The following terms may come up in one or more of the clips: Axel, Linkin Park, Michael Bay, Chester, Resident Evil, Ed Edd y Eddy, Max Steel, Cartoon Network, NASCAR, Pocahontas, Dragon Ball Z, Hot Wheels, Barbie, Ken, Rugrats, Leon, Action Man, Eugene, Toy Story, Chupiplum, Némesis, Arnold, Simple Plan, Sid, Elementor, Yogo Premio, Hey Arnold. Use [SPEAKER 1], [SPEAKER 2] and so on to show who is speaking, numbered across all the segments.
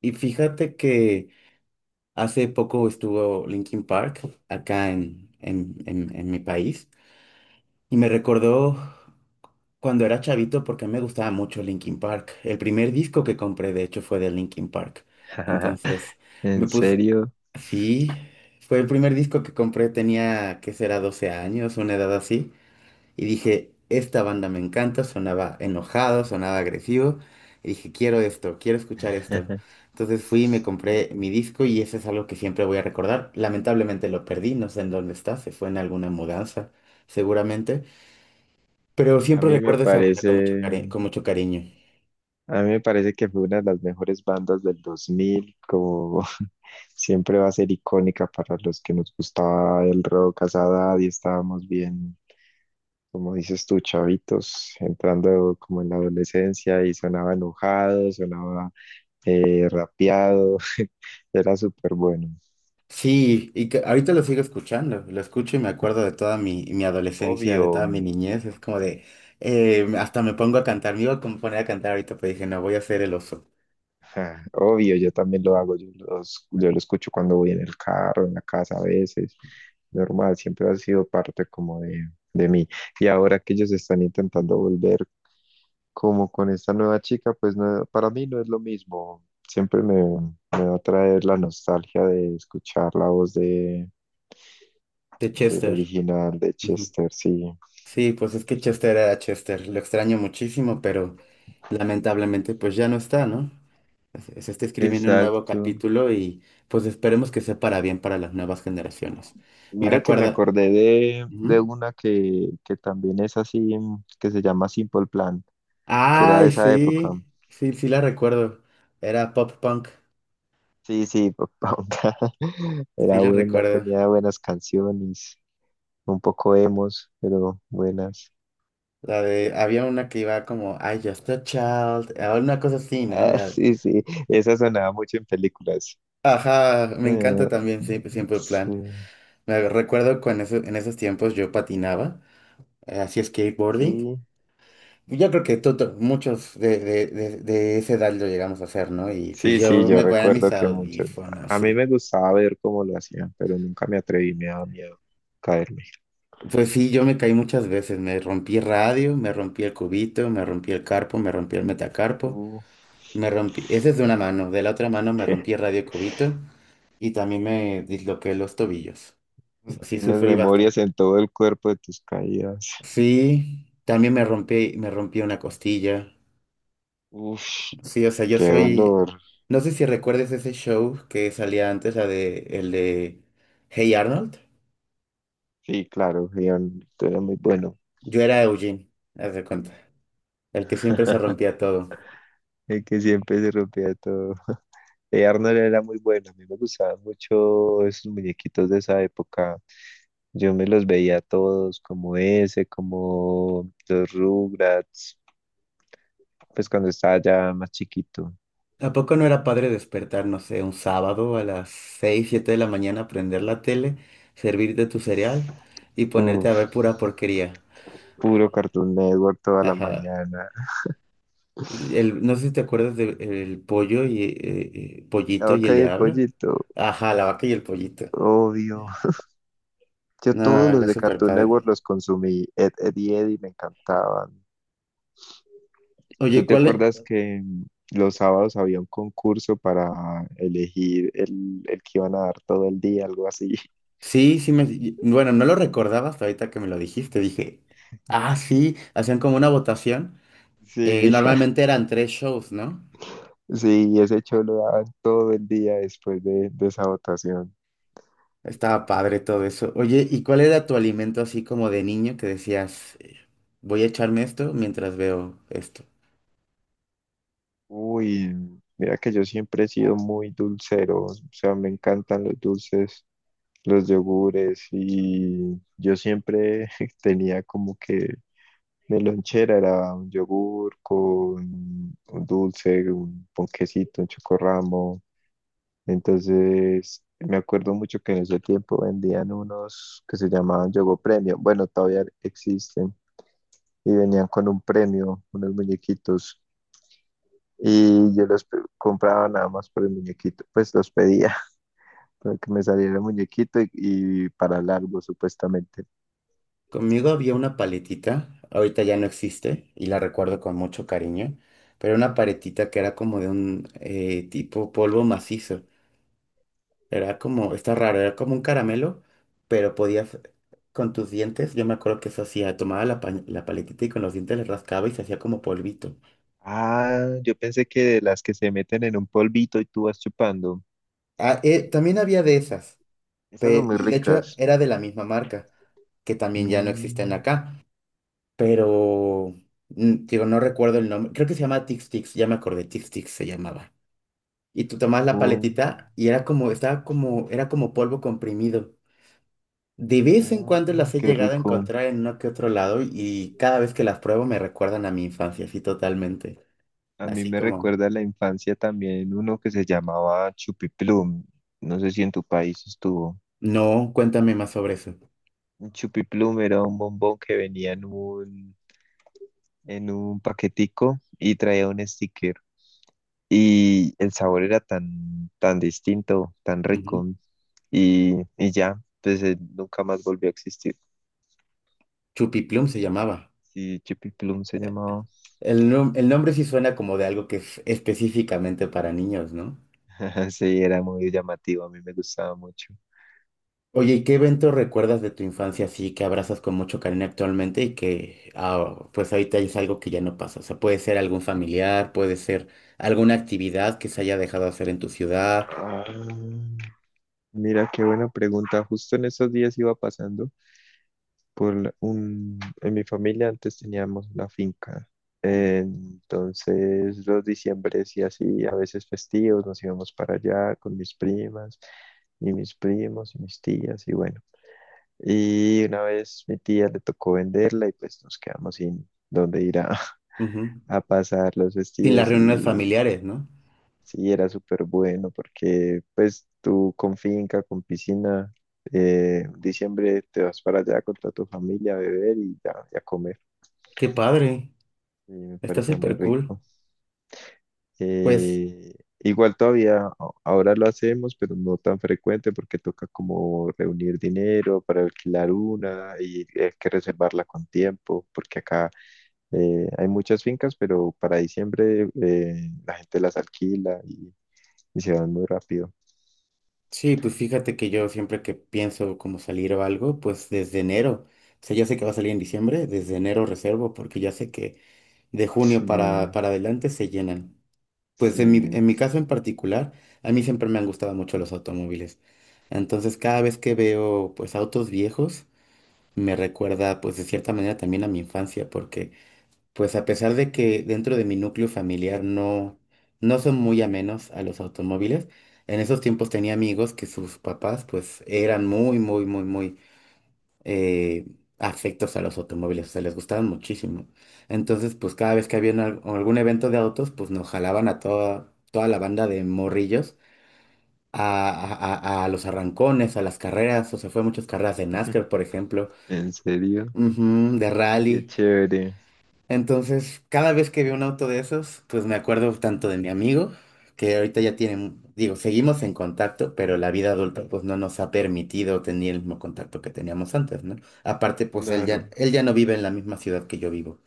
[SPEAKER 1] Y fíjate que hace poco estuvo Linkin Park acá en mi país y me recordó cuando era chavito porque a mí me gustaba mucho Linkin Park. El primer disco que compré, de hecho, fue de Linkin Park. Entonces me
[SPEAKER 2] ¿En
[SPEAKER 1] puse,
[SPEAKER 2] serio?
[SPEAKER 1] sí, fue el primer disco que compré, tenía, ¿qué será? 12 años, una edad así. Y dije, esta banda me encanta, sonaba enojado, sonaba agresivo. Y dije, quiero esto, quiero escuchar esto. Entonces fui y me compré mi disco y eso es algo que siempre voy a recordar. Lamentablemente lo perdí, no sé en dónde está, se fue en alguna mudanza, seguramente. Pero
[SPEAKER 2] A
[SPEAKER 1] siempre
[SPEAKER 2] mí me
[SPEAKER 1] recuerdo esa banda con
[SPEAKER 2] parece,
[SPEAKER 1] con mucho cariño.
[SPEAKER 2] a mí me parece que fue una de las mejores bandas del 2000, como siempre va a ser icónica para los que nos gustaba el rock a esa edad y estábamos bien, como dices tú, chavitos, entrando como en la adolescencia y sonaba enojado, sonaba rapeado, era súper bueno.
[SPEAKER 1] Sí, y que ahorita lo sigo escuchando, lo escucho y me acuerdo de toda mi adolescencia, de
[SPEAKER 2] Obvio.
[SPEAKER 1] toda mi niñez. Es como de, hasta me pongo a cantar, me iba a poner a cantar ahorita, pero dije, no, voy a ser el oso.
[SPEAKER 2] Ja, obvio, yo también lo hago, yo lo escucho cuando voy en el carro, en la casa a veces, normal, siempre ha sido parte de mí. Y ahora que ellos están intentando volver como con esta nueva chica, pues no, para mí no es lo mismo, me va a traer la nostalgia de escuchar
[SPEAKER 1] De
[SPEAKER 2] del
[SPEAKER 1] Chester.
[SPEAKER 2] original de
[SPEAKER 1] Ujú.
[SPEAKER 2] Chester, sí.
[SPEAKER 1] Sí, pues es que Chester era Chester, lo extraño muchísimo, pero lamentablemente pues ya no está, ¿no? Se está escribiendo un nuevo
[SPEAKER 2] Exacto.
[SPEAKER 1] capítulo y pues esperemos que sea para bien para las nuevas generaciones. Me
[SPEAKER 2] Mira que me
[SPEAKER 1] recuerda...
[SPEAKER 2] acordé de, de
[SPEAKER 1] Ujú.
[SPEAKER 2] una que también es así, que se llama Simple Plan, que era de
[SPEAKER 1] Ay,
[SPEAKER 2] esa época.
[SPEAKER 1] sí, sí, sí la recuerdo. Era pop punk,
[SPEAKER 2] Sí, sí, Pocahontas.
[SPEAKER 1] sí
[SPEAKER 2] Era
[SPEAKER 1] la
[SPEAKER 2] buena,
[SPEAKER 1] recuerdo.
[SPEAKER 2] tenía buenas canciones, un poco emos, pero buenas.
[SPEAKER 1] La de, había una que iba como, I just a child, o una cosa así, ¿no?
[SPEAKER 2] Ah,
[SPEAKER 1] La...
[SPEAKER 2] sí, sí, esa sonaba mucho en películas.
[SPEAKER 1] Ajá, me encanta
[SPEAKER 2] Eh,
[SPEAKER 1] también siempre, siempre el
[SPEAKER 2] sí,
[SPEAKER 1] plan. Me recuerdo cuando en esos tiempos yo patinaba. Así es skateboarding.
[SPEAKER 2] sí,
[SPEAKER 1] Yo creo que muchos de esa edad lo llegamos a hacer, ¿no? Y pues
[SPEAKER 2] sí,
[SPEAKER 1] yo
[SPEAKER 2] yo
[SPEAKER 1] me ponía mis
[SPEAKER 2] recuerdo que muchos.
[SPEAKER 1] audífonos,
[SPEAKER 2] A mí
[SPEAKER 1] sí.
[SPEAKER 2] me gustaba ver cómo lo hacían, pero nunca me atreví, me daba miedo caerme.
[SPEAKER 1] Pues sí, yo me caí muchas veces. Me rompí radio, me rompí el cubito, me rompí el carpo, me rompí el metacarpo,
[SPEAKER 2] Uh.
[SPEAKER 1] me rompí. Ese es de una mano. De la otra mano me rompí radio y cubito y también me disloqué los tobillos. Sí,
[SPEAKER 2] Tienes
[SPEAKER 1] sufrí bastante.
[SPEAKER 2] memorias en todo el cuerpo de tus caídas.
[SPEAKER 1] Sí, también me rompí una costilla.
[SPEAKER 2] Uf,
[SPEAKER 1] Sí, o sea, yo
[SPEAKER 2] qué
[SPEAKER 1] soy.
[SPEAKER 2] dolor.
[SPEAKER 1] No sé si recuerdes ese show que salía antes, la de el de Hey Arnold.
[SPEAKER 2] Sí, claro, Leon, tú eras muy bueno.
[SPEAKER 1] Yo era Eugene, haz de cuenta. El que siempre se rompía todo.
[SPEAKER 2] El que siempre se rompía todo. Arnold era muy bueno. A mí me gustaban mucho esos muñequitos de esa época. Yo me los veía todos, como ese, como los Rugrats, pues cuando estaba ya más chiquito.
[SPEAKER 1] ¿A poco no era padre despertar, no sé, un sábado a las 6 7 de la mañana, prender la tele, servirte tu cereal y ponerte a
[SPEAKER 2] Uf,
[SPEAKER 1] ver pura porquería?
[SPEAKER 2] puro Cartoon Network toda la
[SPEAKER 1] Ajá.
[SPEAKER 2] mañana.
[SPEAKER 1] El, no sé si te acuerdas del el pollo y
[SPEAKER 2] La
[SPEAKER 1] pollito y el
[SPEAKER 2] vaca y el
[SPEAKER 1] diablo.
[SPEAKER 2] pollito,
[SPEAKER 1] Ajá, la vaca y el pollito.
[SPEAKER 2] obvio. Yo
[SPEAKER 1] No,
[SPEAKER 2] todos los
[SPEAKER 1] era
[SPEAKER 2] de
[SPEAKER 1] súper
[SPEAKER 2] Cartoon Network
[SPEAKER 1] padre.
[SPEAKER 2] los consumí. Ed, Ed y Eddie me encantaban. ¿Tú
[SPEAKER 1] Oye,
[SPEAKER 2] te
[SPEAKER 1] ¿cuál,
[SPEAKER 2] acuerdas que los sábados había un concurso para elegir el que iban a dar todo el día, algo así?
[SPEAKER 1] sí, sí me... Bueno, no lo recordaba hasta ahorita que me lo dijiste. Dije, ah, sí, hacían como una votación.
[SPEAKER 2] Sí,
[SPEAKER 1] Normalmente eran 3 shows, ¿no?
[SPEAKER 2] sí, ese show lo daban todo el día después de esa votación.
[SPEAKER 1] Estaba padre todo eso. Oye, ¿y cuál era tu alimento así como de niño que decías, voy a echarme esto mientras veo esto?
[SPEAKER 2] Uy, mira que yo siempre he sido muy dulcero, o sea, me encantan los dulces, los yogures y yo siempre tenía como que de lonchera era un yogur con un dulce, un ponquecito, un chocorramo. Entonces, me acuerdo mucho que en ese tiempo vendían unos que se llamaban Yogo Premio. Bueno, todavía existen. Y venían con un premio, unos muñequitos. Y compraba nada más por el muñequito. Pues los pedía para que me saliera el muñequito y para largo, supuestamente.
[SPEAKER 1] Conmigo había una paletita, ahorita ya no existe y la recuerdo con mucho cariño, pero era una paletita que era como de un tipo polvo macizo. Era como, está raro, era como un caramelo, pero podías, con tus dientes, yo me acuerdo que eso hacía, tomaba la, la paletita y con los dientes le rascaba y se hacía como polvito.
[SPEAKER 2] Ah, yo pensé que de las que se meten en un polvito y tú vas chupando.
[SPEAKER 1] Ah, también había de esas,
[SPEAKER 2] Esas son muy
[SPEAKER 1] y de hecho
[SPEAKER 2] ricas.
[SPEAKER 1] era de la misma marca, que también ya no existen
[SPEAKER 2] Mm,
[SPEAKER 1] acá, pero, digo, no recuerdo el nombre, creo que se llama Tix Tix, ya me acordé, Tix Tix se llamaba. Y tú tomabas la
[SPEAKER 2] Oh,
[SPEAKER 1] paletita y era como, estaba como, era como polvo comprimido. De vez en
[SPEAKER 2] oh,
[SPEAKER 1] cuando las he
[SPEAKER 2] qué
[SPEAKER 1] llegado a
[SPEAKER 2] rico.
[SPEAKER 1] encontrar en uno que otro lado y cada vez que las pruebo me recuerdan a mi infancia, así totalmente.
[SPEAKER 2] A mí
[SPEAKER 1] Así
[SPEAKER 2] me
[SPEAKER 1] como,
[SPEAKER 2] recuerda a la infancia también uno que se llamaba Chupiplum. No sé si en tu país estuvo.
[SPEAKER 1] no, cuéntame más sobre eso.
[SPEAKER 2] Un Chupiplum era un bombón que venía en un paquetico y traía un sticker. Y el sabor era tan distinto, tan rico.
[SPEAKER 1] Ujú.
[SPEAKER 2] Y ya, pues nunca más volvió a existir.
[SPEAKER 1] Chupiplum se llamaba.
[SPEAKER 2] Sí, Chupiplum se llamaba.
[SPEAKER 1] El, el nombre sí suena como de algo que es específicamente para niños, ¿no?
[SPEAKER 2] Sí, era muy llamativo, a mí me gustaba mucho.
[SPEAKER 1] Oye, ¿y qué evento recuerdas de tu infancia así que abrazas con mucho cariño actualmente y que ah, pues ahorita es algo que ya no pasa? O sea, puede ser algún familiar, puede ser alguna actividad que se haya dejado hacer en tu ciudad.
[SPEAKER 2] Ah, mira, qué buena pregunta. Justo en estos días iba pasando En mi familia antes teníamos una finca.
[SPEAKER 1] Ujú.
[SPEAKER 2] Entonces los diciembres y así, a veces festivos, nos íbamos para allá con mis primas y mis primos y mis tías y bueno. Y una vez mi tía le tocó venderla y pues nos quedamos sin dónde ir a,
[SPEAKER 1] Ujú.
[SPEAKER 2] a pasar los
[SPEAKER 1] Sin las
[SPEAKER 2] festivos
[SPEAKER 1] reuniones
[SPEAKER 2] y
[SPEAKER 1] familiares, ¿no?
[SPEAKER 2] sí, era súper bueno porque pues tú con finca, con piscina, en diciembre te vas para allá con toda tu familia a beber y a comer.
[SPEAKER 1] Qué padre,
[SPEAKER 2] Y me
[SPEAKER 1] está
[SPEAKER 2] parecía muy
[SPEAKER 1] súper cool.
[SPEAKER 2] rico.
[SPEAKER 1] Pues
[SPEAKER 2] Eh, igual todavía a- ahora lo hacemos, pero no tan frecuente porque toca como reunir dinero para alquilar una y hay que reservarla con tiempo porque acá hay muchas fincas, pero para diciembre la gente las alquila y se van muy rápido.
[SPEAKER 1] sí, pues fíjate que yo siempre que pienso como salir o algo, pues desde enero, o sea, ya sé que va a salir en diciembre, desde enero reservo, porque ya sé que de junio
[SPEAKER 2] Sí,
[SPEAKER 1] para adelante se llenan. Pues
[SPEAKER 2] sí.
[SPEAKER 1] en mi caso en particular, a mí siempre me han gustado mucho los automóviles. Entonces cada vez que veo pues autos viejos, me recuerda pues de cierta manera también a mi infancia, porque... Pues a pesar de que dentro de mi núcleo familiar no, no son muy amenos a los automóviles, en esos tiempos tenía amigos que sus papás pues eran muy, muy, muy, muy eh, afectos a los automóviles, o sea, les gustaban muchísimo. Entonces pues cada vez que había algún evento de autos pues nos jalaban a toda, toda la banda de morrillos a, a los arrancones, a las carreras, o sea, fue a muchas carreras de NASCAR, por ejemplo,
[SPEAKER 2] ¿En serio,
[SPEAKER 1] ujú, de rally.
[SPEAKER 2] qué chévere?
[SPEAKER 1] Entonces, cada vez que veo un auto de esos, pues me acuerdo tanto de mi amigo, que ahorita ya tiene, digo, seguimos en contacto, pero la vida adulta pues no nos ha permitido tener el mismo contacto que teníamos antes, ¿no? Aparte, pues
[SPEAKER 2] Claro.
[SPEAKER 1] él ya no vive en la misma ciudad que yo vivo.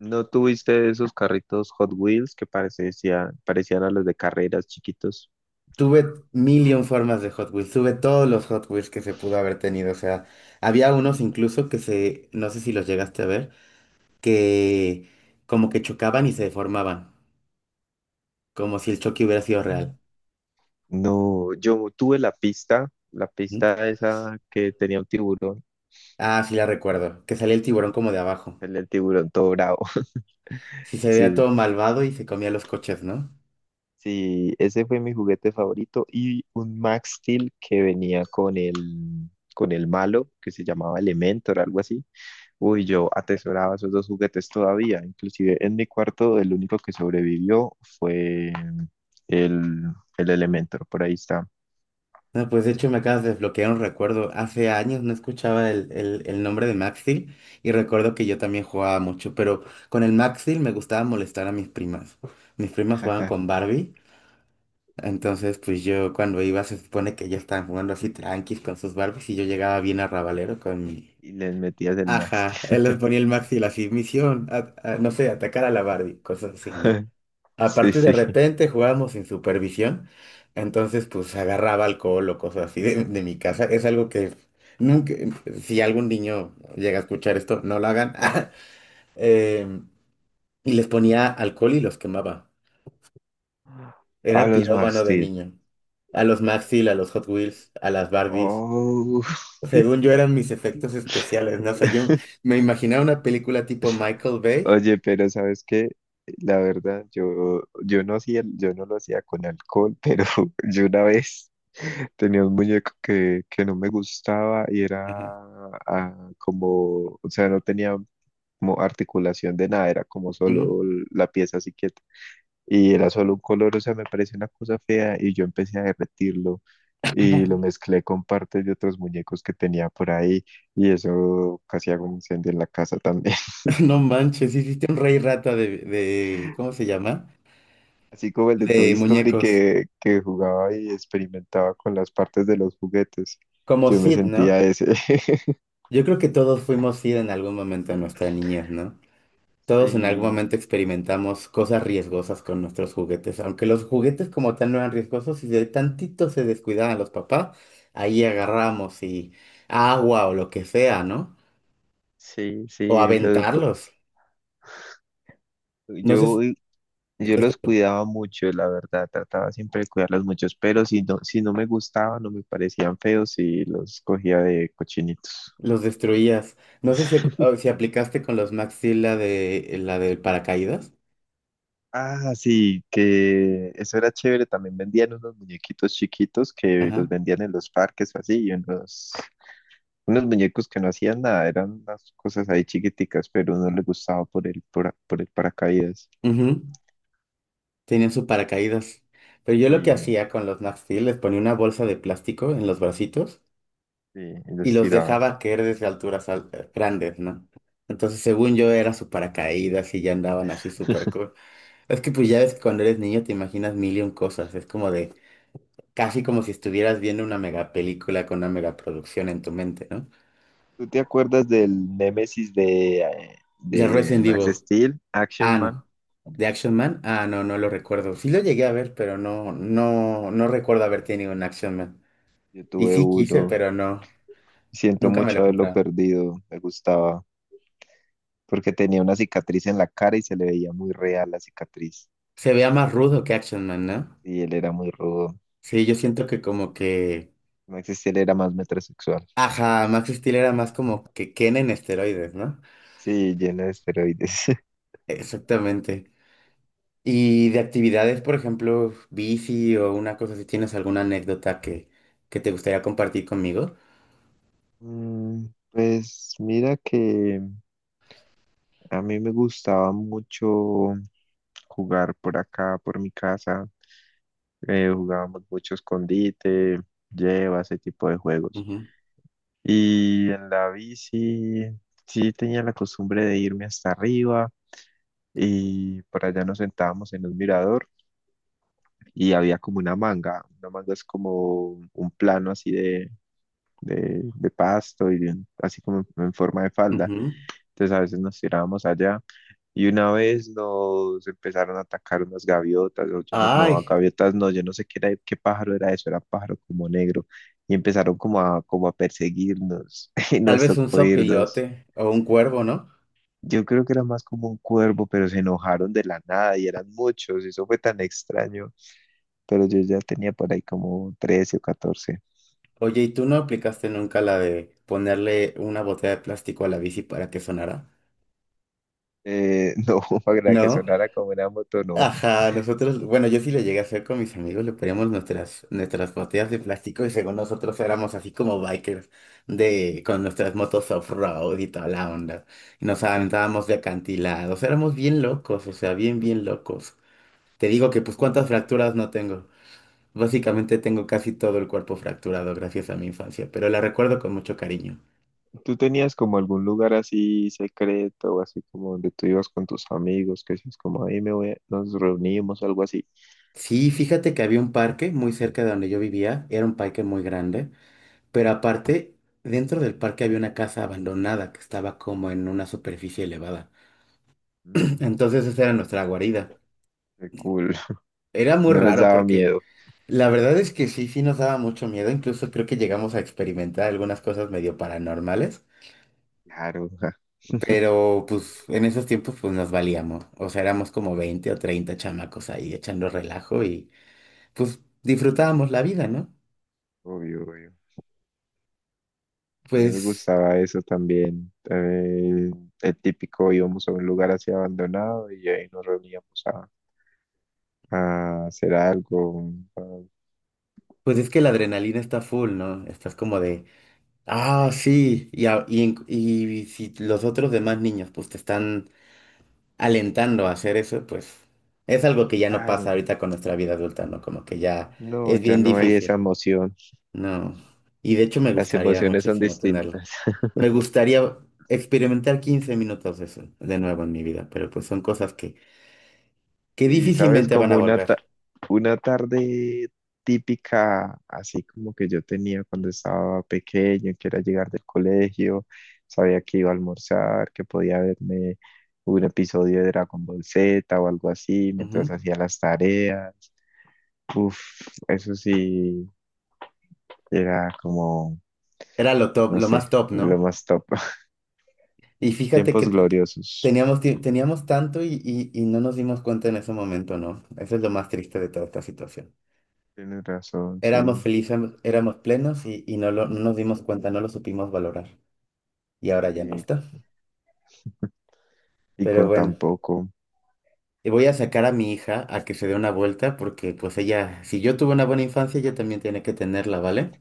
[SPEAKER 2] ¿No tuviste esos carritos Hot Wheels que parecían a los de carreras chiquitos?
[SPEAKER 1] Tuve mil y un formas de Hot Wheels, tuve todos los Hot Wheels que se pudo haber tenido, o sea, había unos incluso que se, no sé si los llegaste a ver, que como que chocaban y se deformaban, como si el choque hubiera sido real.
[SPEAKER 2] No, yo tuve la
[SPEAKER 1] ¿No?
[SPEAKER 2] pista esa que tenía un tiburón,
[SPEAKER 1] Ah, sí la recuerdo, que salía el tiburón como de abajo.
[SPEAKER 2] el tiburón todo bravo.
[SPEAKER 1] Sí se veía
[SPEAKER 2] Sí,
[SPEAKER 1] todo malvado y se comía los coches, ¿no?
[SPEAKER 2] sí, ese fue mi juguete favorito y un Max Steel que venía con el malo que se llamaba Elementor, algo así. Uy, yo atesoraba esos dos juguetes todavía. Inclusive en mi cuarto el único que sobrevivió fue el, el Elementor, por ahí está.
[SPEAKER 1] No, pues de hecho me acabas de desbloquear un recuerdo. Hace años no escuchaba el nombre de Max Steel y recuerdo que yo también jugaba mucho, pero con el Max Steel me gustaba molestar a mis primas. Mis primas jugaban con Barbie, entonces pues yo cuando iba se supone que ellas estaban jugando así tranquis con sus Barbies y yo llegaba bien arrabalero con mi...
[SPEAKER 2] Y les metías el Max
[SPEAKER 1] Ajá, él les
[SPEAKER 2] Steel.
[SPEAKER 1] ponía el Max Steel así, misión, no sé, atacar a la Barbie, cosas así, ¿no?
[SPEAKER 2] Sí,
[SPEAKER 1] Aparte, de
[SPEAKER 2] sí.
[SPEAKER 1] repente jugábamos sin supervisión, entonces pues agarraba alcohol o cosas así de mi casa. Es algo que nunca, si algún niño llega a escuchar esto, no lo hagan. Eh, y les ponía alcohol y los quemaba.
[SPEAKER 2] A
[SPEAKER 1] Era
[SPEAKER 2] los Max
[SPEAKER 1] pirómano de
[SPEAKER 2] Steel.
[SPEAKER 1] niño. A los Maxil, a los Hot Wheels, a las Barbies.
[SPEAKER 2] Oh.
[SPEAKER 1] Según yo eran mis efectos especiales, ¿no? O sea, yo me imaginaba una película tipo Michael Bay.
[SPEAKER 2] Oye, pero ¿sabes qué? La verdad, yo no lo hacía con alcohol, pero yo una vez tenía un muñeco que no me gustaba y era como, o sea, no tenía como articulación de nada, era como
[SPEAKER 1] Ujú.
[SPEAKER 2] solo la pieza así quieta. Y era solo un color, o sea, me parecía una cosa fea y yo empecé a derretirlo y lo mezclé con partes de otros muñecos que tenía por ahí y eso casi hago un incendio en la casa también.
[SPEAKER 1] No manches, hiciste un rey rata ¿cómo se llama?
[SPEAKER 2] Así como el de Toy
[SPEAKER 1] De
[SPEAKER 2] Story
[SPEAKER 1] muñecos.
[SPEAKER 2] que jugaba y experimentaba con las partes de los juguetes.
[SPEAKER 1] Como
[SPEAKER 2] Yo me
[SPEAKER 1] Sid,
[SPEAKER 2] sentía
[SPEAKER 1] ¿no?
[SPEAKER 2] ese.
[SPEAKER 1] Yo creo que todos fuimos Sid en algún momento de nuestra niñez, ¿no? Todos en algún
[SPEAKER 2] Sí,
[SPEAKER 1] momento experimentamos cosas riesgosas con nuestros juguetes, aunque los juguetes como tal no eran riesgosos, si de tantito se descuidaban los papás, ahí agarramos y agua o lo que sea, ¿no?
[SPEAKER 2] sí,
[SPEAKER 1] O
[SPEAKER 2] sí.
[SPEAKER 1] aventarlos. No sé si
[SPEAKER 2] Yo, yo los
[SPEAKER 1] descu-
[SPEAKER 2] cuidaba mucho, la verdad. Trataba siempre de cuidarlos muchos, pero si no, si no me gustaban o me parecían feos, sí los cogía de cochinitos.
[SPEAKER 1] los destruías. No sé si, si aplicaste con los Max Steel la de la del paracaídas.
[SPEAKER 2] Ah, sí, que eso era chévere. También vendían unos muñequitos chiquitos que los
[SPEAKER 1] Ajá.
[SPEAKER 2] vendían en los parques o así, y unos unos muñecos que no hacían nada, eran unas cosas ahí chiquiticas, pero uno le gustaba por el paracaídas.
[SPEAKER 1] Ujú. Tenían su paracaídas. Pero yo lo que
[SPEAKER 2] Sí,
[SPEAKER 1] hacía con los Nat Steel, les ponía una bolsa de plástico en los bracitos
[SPEAKER 2] sí, y
[SPEAKER 1] y
[SPEAKER 2] los
[SPEAKER 1] los dejaba
[SPEAKER 2] tirabas.
[SPEAKER 1] caer desde alturas grandes, ¿no? Entonces, según yo, era su paracaídas y ya andaban así súper cool. Es que pues ya ves que cuando eres niño te imaginas mil y un cosas. Es como de, casi como si estuvieras viendo una mega película con una mega producción en tu mente, ¿no?
[SPEAKER 2] ¿Tú te acuerdas del Némesis
[SPEAKER 1] The
[SPEAKER 2] de
[SPEAKER 1] Resident
[SPEAKER 2] Max
[SPEAKER 1] Evil.
[SPEAKER 2] Steel, Action
[SPEAKER 1] Ah,
[SPEAKER 2] Man?
[SPEAKER 1] no. The Action Man. Ah, no, no lo recuerdo. Sí lo llegué a ver, pero no, no recuerdo haber tenido un Action Man.
[SPEAKER 2] Yo
[SPEAKER 1] Y
[SPEAKER 2] tuve
[SPEAKER 1] sí quise,
[SPEAKER 2] uno.
[SPEAKER 1] pero no,
[SPEAKER 2] Siento
[SPEAKER 1] nunca me
[SPEAKER 2] mucho
[SPEAKER 1] lo
[SPEAKER 2] haberlo
[SPEAKER 1] compraron.
[SPEAKER 2] perdido. Me gustaba. Porque tenía una cicatriz en la cara y se le veía muy real la cicatriz.
[SPEAKER 1] Se veía más rudo que Action Man, ¿no?
[SPEAKER 2] Y él era muy rudo.
[SPEAKER 1] Sí, yo siento que como que...
[SPEAKER 2] Max Steel era más metrosexual.
[SPEAKER 1] Ajá, Max Steel era más como que Ken en esteroides, ¿no?
[SPEAKER 2] Sí, lleno de esteroides.
[SPEAKER 1] Exactamente. Y de actividades, por ejemplo, bici o una cosa, si tienes alguna anécdota que te gustaría compartir conmigo.
[SPEAKER 2] Pues mira que a mí me gustaba mucho jugar por acá, por mi casa. Jugábamos mucho escondite, lleva, ese tipo de juegos.
[SPEAKER 1] Ujú,
[SPEAKER 2] Y en la bici sí tenía la costumbre de irme hasta arriba y por allá nos sentábamos en un mirador y había como una manga. Una manga es como un plano así de pasto y de así como en forma de falda.
[SPEAKER 1] ujú.
[SPEAKER 2] Entonces a veces nos tirábamos allá. Y una vez nos empezaron a atacar unas gaviotas, o yo no, no,
[SPEAKER 1] Ay,
[SPEAKER 2] gaviotas no, yo no sé qué era, qué pájaro era eso, era pájaro como negro, y empezaron como a perseguirnos, y
[SPEAKER 1] tal
[SPEAKER 2] nos
[SPEAKER 1] vez un
[SPEAKER 2] tocó irnos.
[SPEAKER 1] sopilote o un cuervo, ¿no?
[SPEAKER 2] Yo creo que era más como un cuervo, pero se enojaron de la nada y eran muchos, y eso fue tan extraño, pero yo ya tenía por ahí como 13 o 14.
[SPEAKER 1] Oye, ¿y tú no aplicaste nunca la de ponerle una botella de plástico a la bici para que sonara?
[SPEAKER 2] No, para que
[SPEAKER 1] ¿No?
[SPEAKER 2] sonara como una moto, no.
[SPEAKER 1] Ajá, nosotros, bueno, yo sí lo llegué a hacer con mis amigos, le poníamos nuestras botellas de plástico y según nosotros éramos así como bikers de, con nuestras motos off-road y toda la onda. Y nos aventábamos de acantilados, éramos bien locos, o sea, bien, bien locos. Te digo que pues cuántas fracturas no tengo. Básicamente tengo casi todo el cuerpo fracturado gracias a mi infancia, pero la recuerdo con mucho cariño.
[SPEAKER 2] ¿Tú tenías como algún lugar así secreto o así como donde tú ibas con tus amigos, que decías como ahí me voy, nos reunimos, algo así?
[SPEAKER 1] Sí, fíjate que había un parque muy cerca de donde yo vivía, era un parque muy grande. Pero aparte, dentro del parque había una casa abandonada que estaba como en una superficie elevada.
[SPEAKER 2] Mm,
[SPEAKER 1] Entonces esa era nuestra guarida.
[SPEAKER 2] qué cool.
[SPEAKER 1] Era muy
[SPEAKER 2] No les
[SPEAKER 1] raro
[SPEAKER 2] daba
[SPEAKER 1] porque
[SPEAKER 2] miedo.
[SPEAKER 1] la verdad es que sí, sí nos daba mucho miedo. Incluso creo que llegamos a experimentar algunas cosas medio paranormales.
[SPEAKER 2] Claro, ja,
[SPEAKER 1] Pero pues en esos tiempos pues nos valíamos. O sea, éramos como 20 o 30 chamacos ahí echando relajo y pues disfrutábamos la vida, ¿no?
[SPEAKER 2] obvio, obvio. A mí me
[SPEAKER 1] Pues,
[SPEAKER 2] gustaba eso también. El típico íbamos a un lugar así abandonado y ahí nos reuníamos a hacer algo.
[SPEAKER 1] pues es que la adrenalina está full, ¿no? Estás como de... Ah, sí, y si los otros demás niños pues te están alentando a hacer eso, pues es algo que ya no pasa
[SPEAKER 2] Claro,
[SPEAKER 1] ahorita con nuestra vida adulta, ¿no? Como que ya
[SPEAKER 2] no,
[SPEAKER 1] es
[SPEAKER 2] ya
[SPEAKER 1] bien
[SPEAKER 2] no hay esa
[SPEAKER 1] difícil,
[SPEAKER 2] emoción.
[SPEAKER 1] ¿no? Y de hecho me
[SPEAKER 2] Las
[SPEAKER 1] gustaría
[SPEAKER 2] emociones son
[SPEAKER 1] muchísimo tenerlo.
[SPEAKER 2] distintas.
[SPEAKER 1] Me gustaría experimentar 15 minutos de eso de nuevo en mi vida, pero pues son cosas que
[SPEAKER 2] Sí, sabes,
[SPEAKER 1] difícilmente van
[SPEAKER 2] como
[SPEAKER 1] a volver.
[SPEAKER 2] una tarde típica, así como que yo tenía cuando estaba pequeño, que era llegar del colegio, sabía que iba a almorzar, que podía verme un episodio de Dragon Ball Z o algo así,
[SPEAKER 1] Ujú.
[SPEAKER 2] mientras hacía las tareas. Uf, eso sí, era como,
[SPEAKER 1] Era lo top,
[SPEAKER 2] no
[SPEAKER 1] lo más
[SPEAKER 2] sé,
[SPEAKER 1] top,
[SPEAKER 2] lo
[SPEAKER 1] ¿no?
[SPEAKER 2] más top.
[SPEAKER 1] Y fíjate
[SPEAKER 2] Tiempos
[SPEAKER 1] que
[SPEAKER 2] gloriosos.
[SPEAKER 1] teníamos, teníamos tanto y no nos dimos cuenta en ese momento, ¿no? Eso es lo más triste de toda esta situación.
[SPEAKER 2] Tienes razón,
[SPEAKER 1] Éramos
[SPEAKER 2] sí.
[SPEAKER 1] felices, éramos plenos no nos dimos cuenta, no lo supimos valorar. Y ahora ya no
[SPEAKER 2] Y,
[SPEAKER 1] está.
[SPEAKER 2] y
[SPEAKER 1] Pero
[SPEAKER 2] con tan
[SPEAKER 1] bueno,
[SPEAKER 2] poco.
[SPEAKER 1] y voy a sacar a mi hija a que se dé una vuelta porque pues ella, si yo tuve una buena infancia, ella también tiene que tenerla, ¿vale?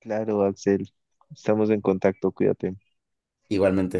[SPEAKER 2] Claro, Axel, estamos en contacto, cuídate.
[SPEAKER 1] Igualmente.